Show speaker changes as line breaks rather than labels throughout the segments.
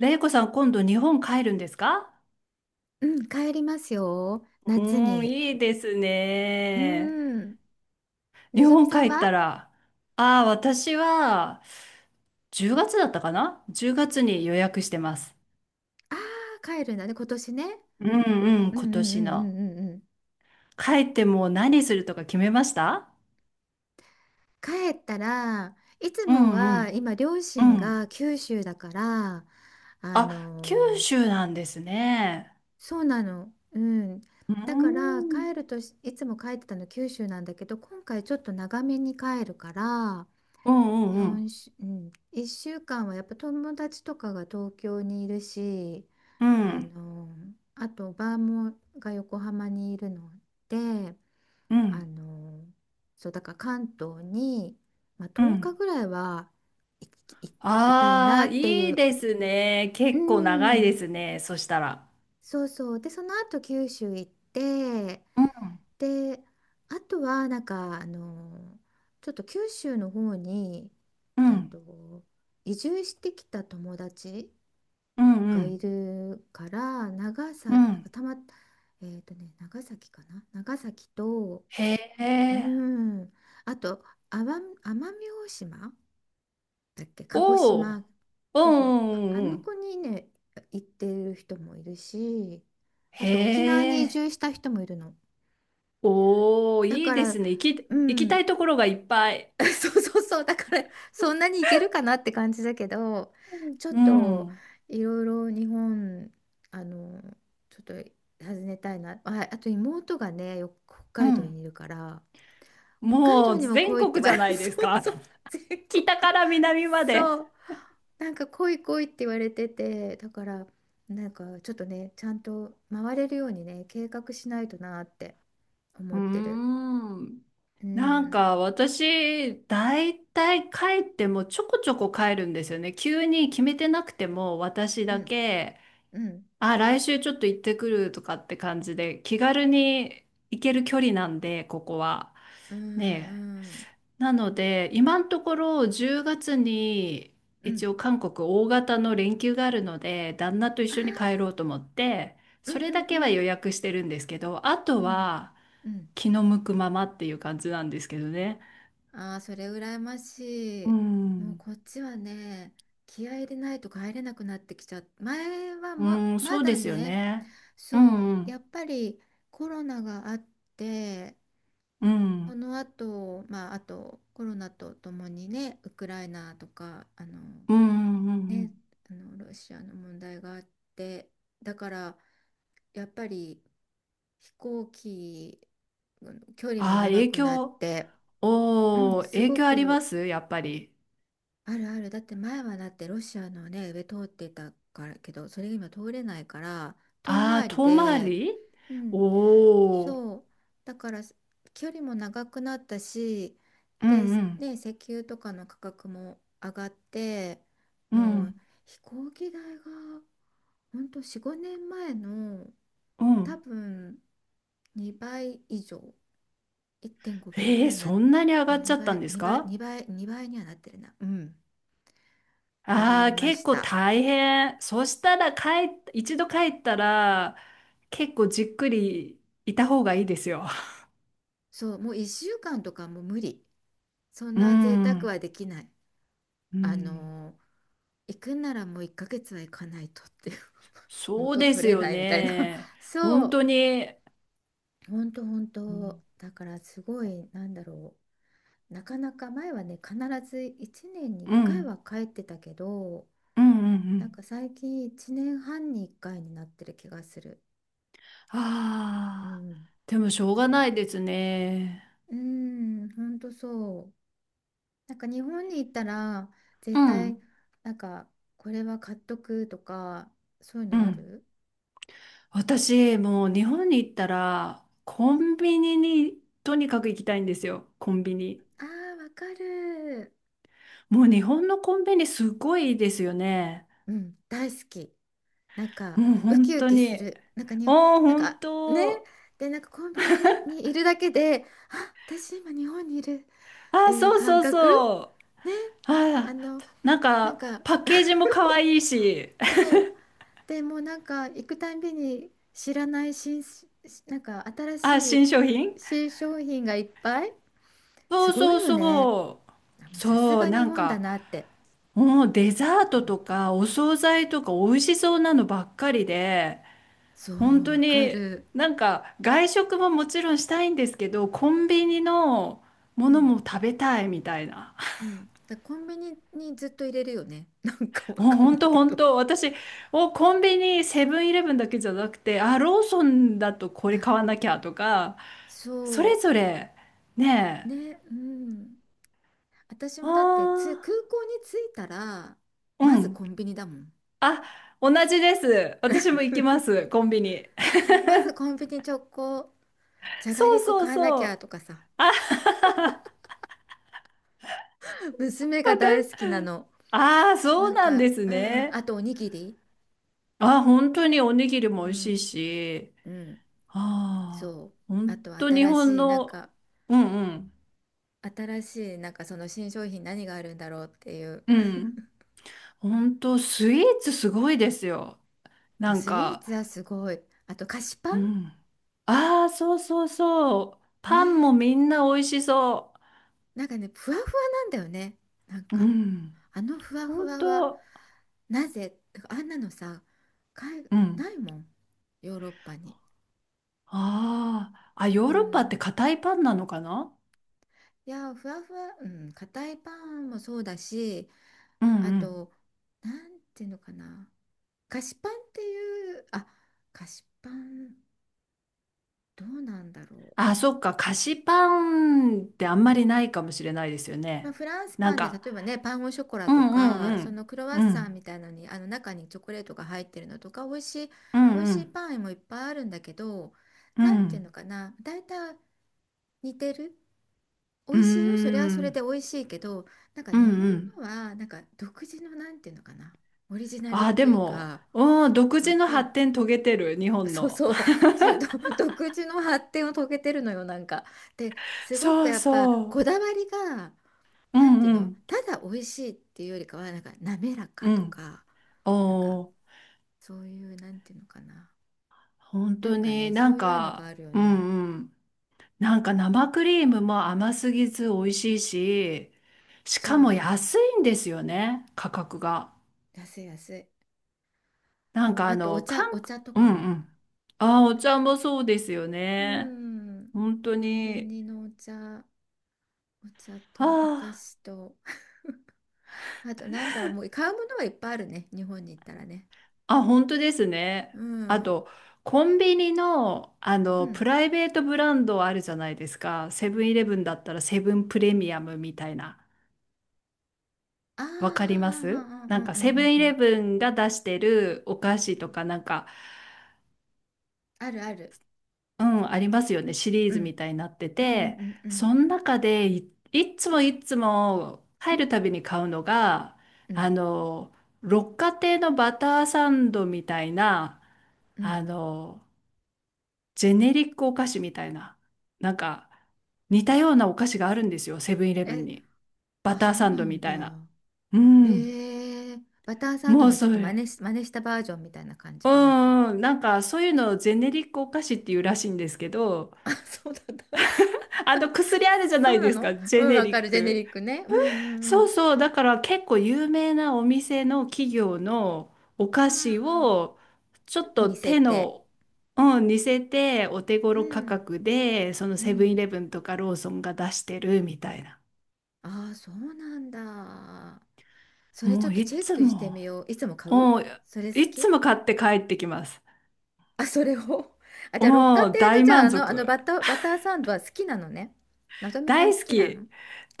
れいこさん、今度日本帰るんですか？
うん、帰りますよ。
う
夏
ーん、
に。
いいです
う
ね。
ん。
日
のぞみ
本帰
さんは
った
あ
ら、ああ、私は10月だったかな？ 10 月に予約してます。
あー、帰るんだね、今年ね。
うんうん、
うんうん
今
う
年
んう
の。
んうんうん。
帰ってもう何するとか決めました？
帰ったら、いつ
う
も
んう
は
ん
今、両
う
親
ん。
が九州だから、あ
あ、九
のー
州なんですね。
そうなの。うん。
うー
だから、帰
ん。
るとしいつも帰ってたの九州なんだけど、今回ちょっと長めに帰るから、
うんうんう
4
ん
週、うん、1週間はやっぱ友達とかが東京にいるし、
う
あ
ん
のあとバーもが横浜にいるので
う
あ
ん
のそうだから関東に、まあ、
う
10日
ん。
ぐらいはい、い、いたいな
ああ、
ってい
いい
う。
ですね。
う
結構長い
ん
ですね。そしたら。
そうそう。でその後九州行って。
うん。
であとはなんかちょっと九州の方に
う
えっ
ん、
と移住してきた友達
うん、う
がい
ん、
るから。長さ
う
なん
ん。
かたま、長崎かな。長崎と、
へ
う
え。
ん、あと奄美、奄美大島だっけ、鹿児
お
島。
お。う
そうそう、
んう
ああ
んうんう
の
ん。
子にね行ってる人もいるし、
へ
あと沖縄に移
え。
住した人もいるの。
おお。うんうんうん。へえ。
だ
お、いい
か
で
ら
すね。
う
行き
ん。
たいところがいっぱい。
そうそうそう。だから、そんなにいけるかなって感じだけど、ちょっ
う
と、
ん、
いろいろ日本、あの、ちょっと訪ねたいな。まあ、あと妹がね、よく北
う
海道
ん。
にいるから、北海
も
道
う
にも
全
来いって
国
言
じ
わ
ゃ
れ
な
る。
いで
そ
す
う
か。
そう。全国。
北から南まで。
そう。なんか来い来いって言われてて、だから、なんかちょっとね、ちゃんと回れるようにね、計画しないとなって
う
思
ー
ってる。
ん。
う
なん
ん。
か私、だいたいてもちょこちょこ帰るんですよね。急に決めてなくても私
う
だ
ん。
け。
うん。
あ、来週ちょっと行ってくるとかって感じで、気軽に行ける距離なんで、ここは。
うんう
ねえ。
ん
なので、今のところ10月に
う
一
ん
応韓国大型の連休があるので、旦那と一
あ
緒に帰
ー
ろうと思って、
うん
そ
う
れだ
んう
けは予
ん
約してるんですけど、あ
う
と
ん
は
うん。
気の向くままっていう感じなんですけどね。
ああー、それ羨まし
う
い。もう
ん。
こっちはね、気合い入れないと帰れなくなってきちゃった。前は
うん、
ま
そう
だ
ですよ
ね、
ね。う
そ
んう
うや
ん。
っぱりコロナがあって、
う
そ
ん。
の後まああとコロナとともにね、ウクライナとか
うんうんうんう
ね、
ん。
あのロシアの問題があって、だからやっぱり飛行機、うん、距離も
ああ、
長
影
くなっ
響。
て、うん
おー、
す
影
ご
響ありま
く
すやっぱり。
あるある。だって前はだってロシアのね、上通ってたからけど、それが今通れないから、遠
ああ、
回り
遠回
で、
り。
うん、
おおー。
そう。だから距離も長くなったし、
うん
で、
うん、
ね、石油とかの価格も上がって、
う
もう
ん、
飛行機代が、ほんと4、5年前の
う
多
ん。
分2倍以上、1.5倍ぐ
え
ら
ー、
いな、
そんなに上がっちゃっ
2
たん
倍、
です
2倍、
か？
2倍、2倍にはなってるな。うん。上が
あ
り
あー、
ま
結
し
構
た。
大変。そしたら一度帰ったら、結構じっくりいた方がいいですよ。
そう、もう1週間とかもう無理。そん
う
な贅沢
ん、
はできない。
う
あ
ん。
のー行くんならもう1ヶ月は行かないとっていう。
そう
元
で
取
す
れ
よ
ないみたいな。
ね。
そ
本当
う、
に。
本当本
う
当。
ん、
だからすごい、なんだろう。なかなか前はね、必ず1年に1
う
回
ん、
は帰ってたけど、
うん、うん。う
なん
ん。
か最近1年半に1回になってる気がする。う
ああ、
ん。
でもしょう
そう。
がないですね。
うん、本当そう。なんか日本に行ったら
う
絶対
ん。
なんかこれは買っとくとかそういう
う
のあ
ん。
る。
私、もう日本に行ったら、コンビニにとにかく行きたいんですよ。コンビニ。
あーわかる。
もう日本のコンビニすごいですよね。
うん大好き。なんか
もう
ウキ
本
ウ
当
キす
に。
るなんかに。
おー、
なん
本
かね、
当。
でなんかコンビニにいるだけで、あ私今日本にいる
あ
って
ー、
いう
そう
感
そう
覚
そ
ね。
う。
あ
あ
の
ー、なん
なん
か、
か
パッケージも可愛いし。
そう、でもうなんか行くたんびに知らないなんか新
あー、
しい
新商品。
新商品がいっぱい、す
そう
ごい
そう
よね。
そう。
あもうさす
そう、
が
な
日
ん
本だ
か、
なって。
もうデザー
う
トと
ん
かお惣菜とか美味しそうなのばっかりで、
そう
本当
わか
に。
る。
なんか外食ももちろんしたいんですけど、コンビニのも
う
のも
ん
食べたいみたいな。
うん。だコンビニにずっと入れるよね。なんかわ
もう
かんな
本
い
当
け
本
ど。
当、私、コンビニ、セブンイレブンだけじゃなくて、あ、ローソンだとこれ買
あ、
わなきゃとか、それ
そ
ぞれ、ね
う
え。
ね、うん。私もだって
あ
空港に着いたら
あ、
ま
う
ず
ん。
コンビニだもん。
あ、同じです。私も行きます、コンビニ。
まずコンビニ直行、じゃが
そう
りこ
そう
買わなき
そ
ゃ
う。
とかさ、
あ。
娘 が
また、
大好きなの。
ああ、そ
な
う
ん
なんで
か、
す
うん、あ
ね。
とおにぎり、
ああ、本当におにぎりも
う
美味し
ん、
いし、
うん、
ああ、
そう。あ
本
と
当日
新
本
しい、なん
の、
か、
うんうん、
新しい、なんかその新商品何があるんだろうっていう。
うん。本当スイーツすごいですよ。な
あ
ん
スイー
か、
ツはすごい。あと菓子パ
う
ン
ん。ああ、そうそうそう。
ね
パンもみ
え。
んな美味しそ
なんかね、ふわふわなんだよね。なん
う。う
か、
ん。
あのふわふ
本
わは、
当、
なぜ、あんなのさ、海、
うん。
ないもん。ヨーロッパに。
ああ、あ、
う
ヨーロッパって
ん。
硬いパンなのかな？
いや、ふわふわ、うん、硬いパンもそうだし、
うん
あ
うん。
と、なんていうのかな。菓子パンっていう、あ、菓子パン。どうなんだろう。
あ、そっか。菓子パンってあんまりないかもしれないですよ
まあ、
ね。
フランス
な
パ
ん
ンで例
か、
えばね、パンゴショコラ
う
と
んう
か、そ
ん
のクロワ
うん。
ッ
う
サン
ん。
みたいなのに、あの中にチョコレートが入ってるのとか、美味しい、
う
美
ん
味
う
しい
ん。
パンもいっぱいあるんだけど、
う
なんていう
ん。
のかな、大体似てる。美
うー
味しいよ、それはそれ
ん。
で美味しいけど、なんか
うん
日本
うん。
のは、なんか独自のなんていうのかな、オリジナルっ
あ、で
ていう
も、
か、
うん、独
わ
自の
か
発
る。
展遂げてる、日本
そう
の。
そう、独自の発展を遂げてるのよ、なんか。で、すごく
そう
やっぱ
そ
こだわりが、
う。う
なん
ん
ていう
う
の、
ん
ただ美味しいっていうよりかは、なんか滑ら
う
かと
ん。
か、なんか
おー。
そういう、なんていうのかな。
本
な
当
んか
に
ね、
な
そ
ん
ういうのが
か、
あるよ
う
ね。
んうん。なんか生クリームも甘すぎず美味しいし、し
そ
かも
う、
安いんですよね、価格が。
安い安い。
なん
もう、
かあ
あとお
の、韓
茶、お
国、
茶と
う
か
ん
も。
うん。ああ、お茶もそうですよ
う
ね。
ん、
本当
コンビ
に。
ニのお茶、お茶とお菓
あ
子と、あとなんだろう、もう買うものはいっぱいあるね、日本に行ったらね。
あ、あ、本当ですね。
う
あ
ん、
と、コンビニの、あ
う
の、
ん。
プライベートブランドあるじゃないですか。セブンイレブンだったらセブンプレミアムみたいな。
あーあー、
わかります。
あーあーう
な
んう
んかセブ
ん
ンイ
うんう
レ
ん。
ブンが出してるお菓子とか、なんか、
あるある。
うん、ありますよね。シリー
う
ズ
ん、
みたいになって
うんうん
て、
うんう
そ
ん。
の中でいっつもいっつも
う
入る
ん
たびに買うのが、
う
あ
ん
の、六花亭のバターサンドみたいな、
う
あ
ん。
の、ジェネリックお菓子みたいな、なんか似たようなお菓子があるんですよ、セブンイレブン
え、
に。バ
あ、
ター
そう
サン
な
ドみ
んだ。
たいな。う
え
ん、
ー、バターサン
も
ド
う
のちょ
そ
っと
れ。
真似したバージョンみたいな感
う
じかな。
んうん、なんかそういうのをジェネリックお菓子っていうらしいんですけど、
あ、そうなんだ。
あの薬あるじゃな
そう
い
な
ですか、
の
ジ
う
ェ
ん、
ネ
わ
リ
か
ッ
る。ジェネリ
ク。
ックね。うんうんう
そう
ん。
そう、だから結構有名なお店の企業のお
あ
菓子
あ、
をちょ
ちょ
っ
っと
と
似せ
手
て。
の、うん、似せてお手
う
頃価
ん
格で、その
う
セブンイ
ん。
レブンとかローソンが出してるみたいな。
ああ、そうなんだ。それち
も
ょっ
う
とチ
い
ェッ
つ
クして
も、
みよう。いつも買う
うん、
それ好
いつ
き。
も 買って帰ってきます。
あ、それを。あ、じゃあ、六
う
花
ん、
亭の、
大
じゃあ、
満
あの
足。
バター、バターサンドは好きなのね。のぞみさん
大
好
好
きな
き。
の？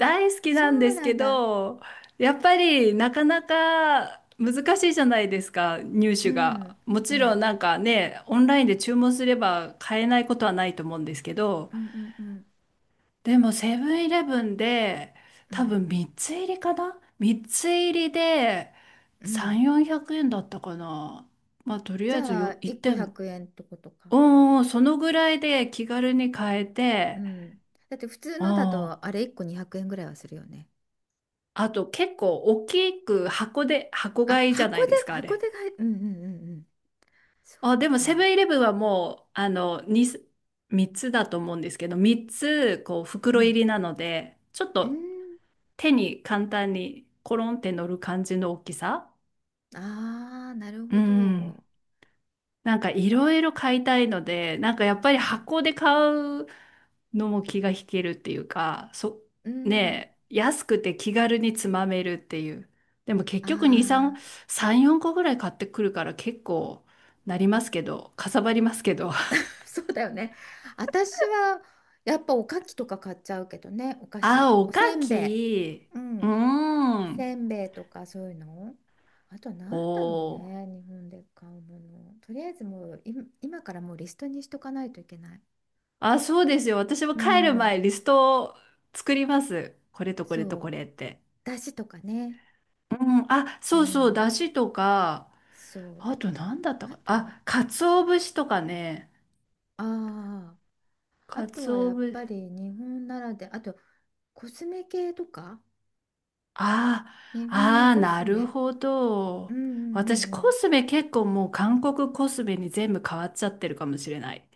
あ、
好き
そ
なんで
う
す
な
け
んだ。
ど、やっぱりなかなか難しいじゃないですか、入
う
手が。
ん、
も
う
ちろん
ん、
なんかね、オンラインで注文すれば買えないことはないと思うんですけど、
うんうんうん
でもセブンイレブンで
う
多分
ん
3つ入りかな？ 3 つ入りで
うん。
3、400円だったかな。まあとり
じ
あえず
ゃあ
よ1
1個
点。
100円ってことか？
うんうん、そのぐらいで気軽に買え
う
て、
ん、だって普通
う
のだ
ん。
とあれ1個200円ぐらいはするよね。
あと結構大きく箱で、箱
あ
買いじゃな
箱
い
で
ですか、あ
箱
れ。
でがい、うんうんうんうん、そっ
あ、でもセブ
か、
ンイレブンはもう、あの、2、3つだと思うんですけど、3つ、こう、
う
袋入
ん
りなので、ちょっ
う
と
ん、
手に簡単にコロンって乗る感じの大きさ。
ああーなる
う
ほ
ん。
ど、
なんかいろいろ買いたいので、なんかやっぱり
うん
箱で買うのも気が引けるっていうか、そ、
うん、
ねえ、安くて気軽につまめるっていう。でも結
あ
局2、3、
あー。
3、4個ぐらい買ってくるから結構なりますけど、かさばりますけど。
そうだよね。私はやっぱおかきとか買っちゃうけどね、お菓
あ、
子
お
お
か
せんべ
き。
い、う
うー
ん、
ん。
せんべいとかそういうの。あとなんだろう
お
ね、
ー。
日本で買うものとりあえずもう今からもうリストにしとかないといけない。
あ、そうですよ。私も
う
帰る
ん
前リストを作ります。これとこれとこ
そう、
れって。
だしとかね、
うん、あ、
う
そうそう、
ん
だしとか、
そ
あと何だった
う、あ
か。
と、
あ、鰹節とかね。
ああー、あ
鰹
とはやっ
節。
ぱり日本ならで、あとコスメ系とか、
あ
日
あ、
本の
ああ、
コ
な
ス
る
メ。
ほ
う
ど。
んうんう
私、
んう
コ
ん。
スメ結構もう韓国コスメに全部変わっちゃってるかもしれない。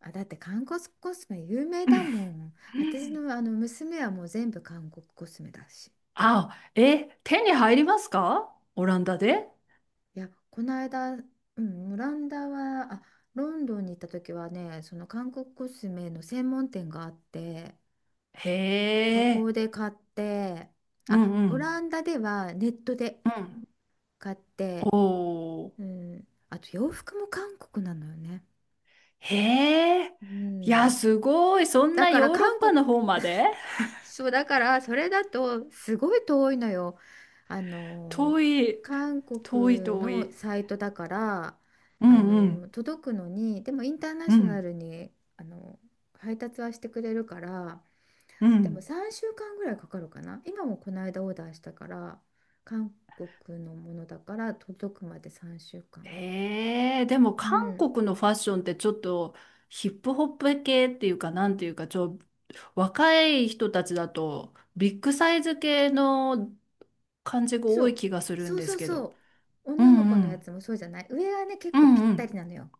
あだって韓国コスメ有名
う
だもん。私
ん。
のあの娘はもう全部韓国コスメだし、
あ、え、手に入りますかオランダで？
いや、この間、うん、オランダは、あ、ロンドンに行った時はね、その韓国コスメの専門店があって、
へ
そこ
え。
で買って、
うん
あ、
う
オ
ん、
ランダではネットで
うん。
買っ
お
て、
ー。
うん、あと洋服も韓国なのよね。
へえ。
う
いや、
ん、
すごい、そん
だ
な
から
ヨーロッ
韓
パ
国。
の方まで。
そうだからそれだとすごい遠いのよ。あの
遠い。
韓
遠い
国
遠
の
い。
サイトだから、
うんうん、
届くのに、でもインターナ
う
ショナ
ん。
ルに配達はしてくれるから、
う
でも
ん。
3週間ぐらいかかるかな。今もこの間オーダーしたから、韓国のものだから届くまで3週間。
ええ。でも
う
韓
ん、
国のファッションってちょっとヒップホップ系っていうかなんていうか、若い人たちだとビッグサイズ系の感じが
そ
多い
う
気がする
そ
ん
う
で
そ
す
う
け
そ
ど。
う。
う
女
ん
の子
う
のや
ん。
つもそうじゃない、上はね結
う
構
ん
ぴっ
う
たり
ん。
なのよ。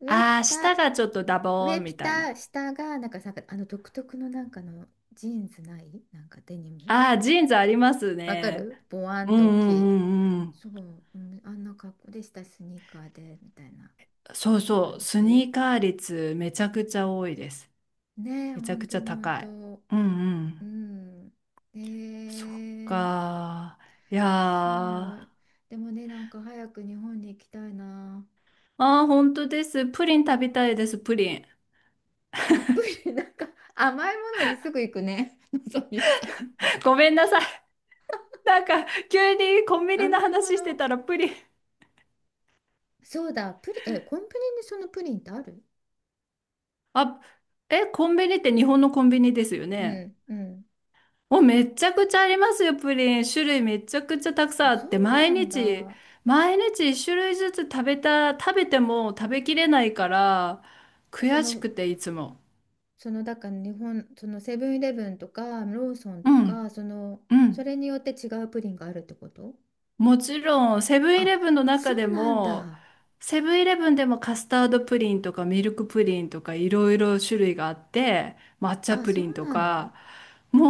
上ピ
ああ下
タ
がちょっとダボー
上
ン
ピ
みたい
タ、
な。
下が、なんかさ、あの独特のなんかのジーンズない、なんかデニム。
ああジーンズあります
わか
ね。
る、ボワン
う
と
んう
大きい。
んうんうん。
そう、うん、あんな格好でした、スニーカーで、みたいな
そうそう
感
スニ
じ。
ーカー率めちゃくちゃ多いです。
ねえ、
めち
ほ
ゃ
ん
くち
とほ
ゃ
ん
高い。
と。
うんう
う
ん。
ん。え
そっ
ー、
か。いやー。
そ
あ
う。でもね、なんか早く日本に行きたいな。
あ、本当です。プリン
うん。
食べたいです、プリン。
アプリ、なんか甘いものにすぐ行くね、のぞみさん。
ごめんなさい。なんか、急にコンビニの
甘いも
話して
の。
たらプリン。
そうだ、プリえ、コンプリにそのプリンってある？
あ、え、コンビニって日本のコンビニですよ
う
ね？
んうん。
お、めっちゃくちゃありますよ、プリン。種類めちゃくちゃたくさんあ
そ
っ
う
て、毎
なん
日、
だ。
毎日一種類ずつ食べても食べきれないから、
そ
悔し
の、
くて、いつも。
その、だから日本、そのセブンイレブンとかローソン
う
とか、
ん、
その、
う
そ
ん。
れによって違うプリンがあるってこと？
もちろん、セブンイ
あ、
レブンの
そ
中で
うなん
も、
だ。
セブンイレブンでもカスタードプリンとかミルクプリンとかいろいろ種類があって、抹茶
あ、
プ
そ
リン
う
と
なの
か、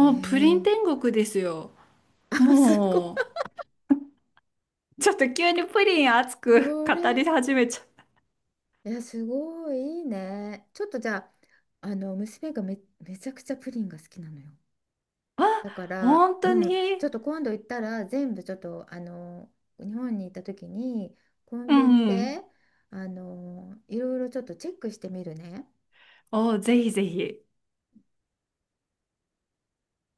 え
うプリン
え。
天国ですよ。
あ、すごい。
もう、ちょっと急にプリン熱く
そ
語
れ、
り始めちゃう。
いや、すごいいいね。ちょっとじゃあ、娘がめちゃくちゃプリンが好きなのよ。
あ、
だから、
本
う
当
ん、ちょっ
に。
と今度行ったら全部ちょっと日本に行った時にコン
う
ビニ
んうん。
でいろいろちょっとチェックしてみるね。
お、ぜひぜひ。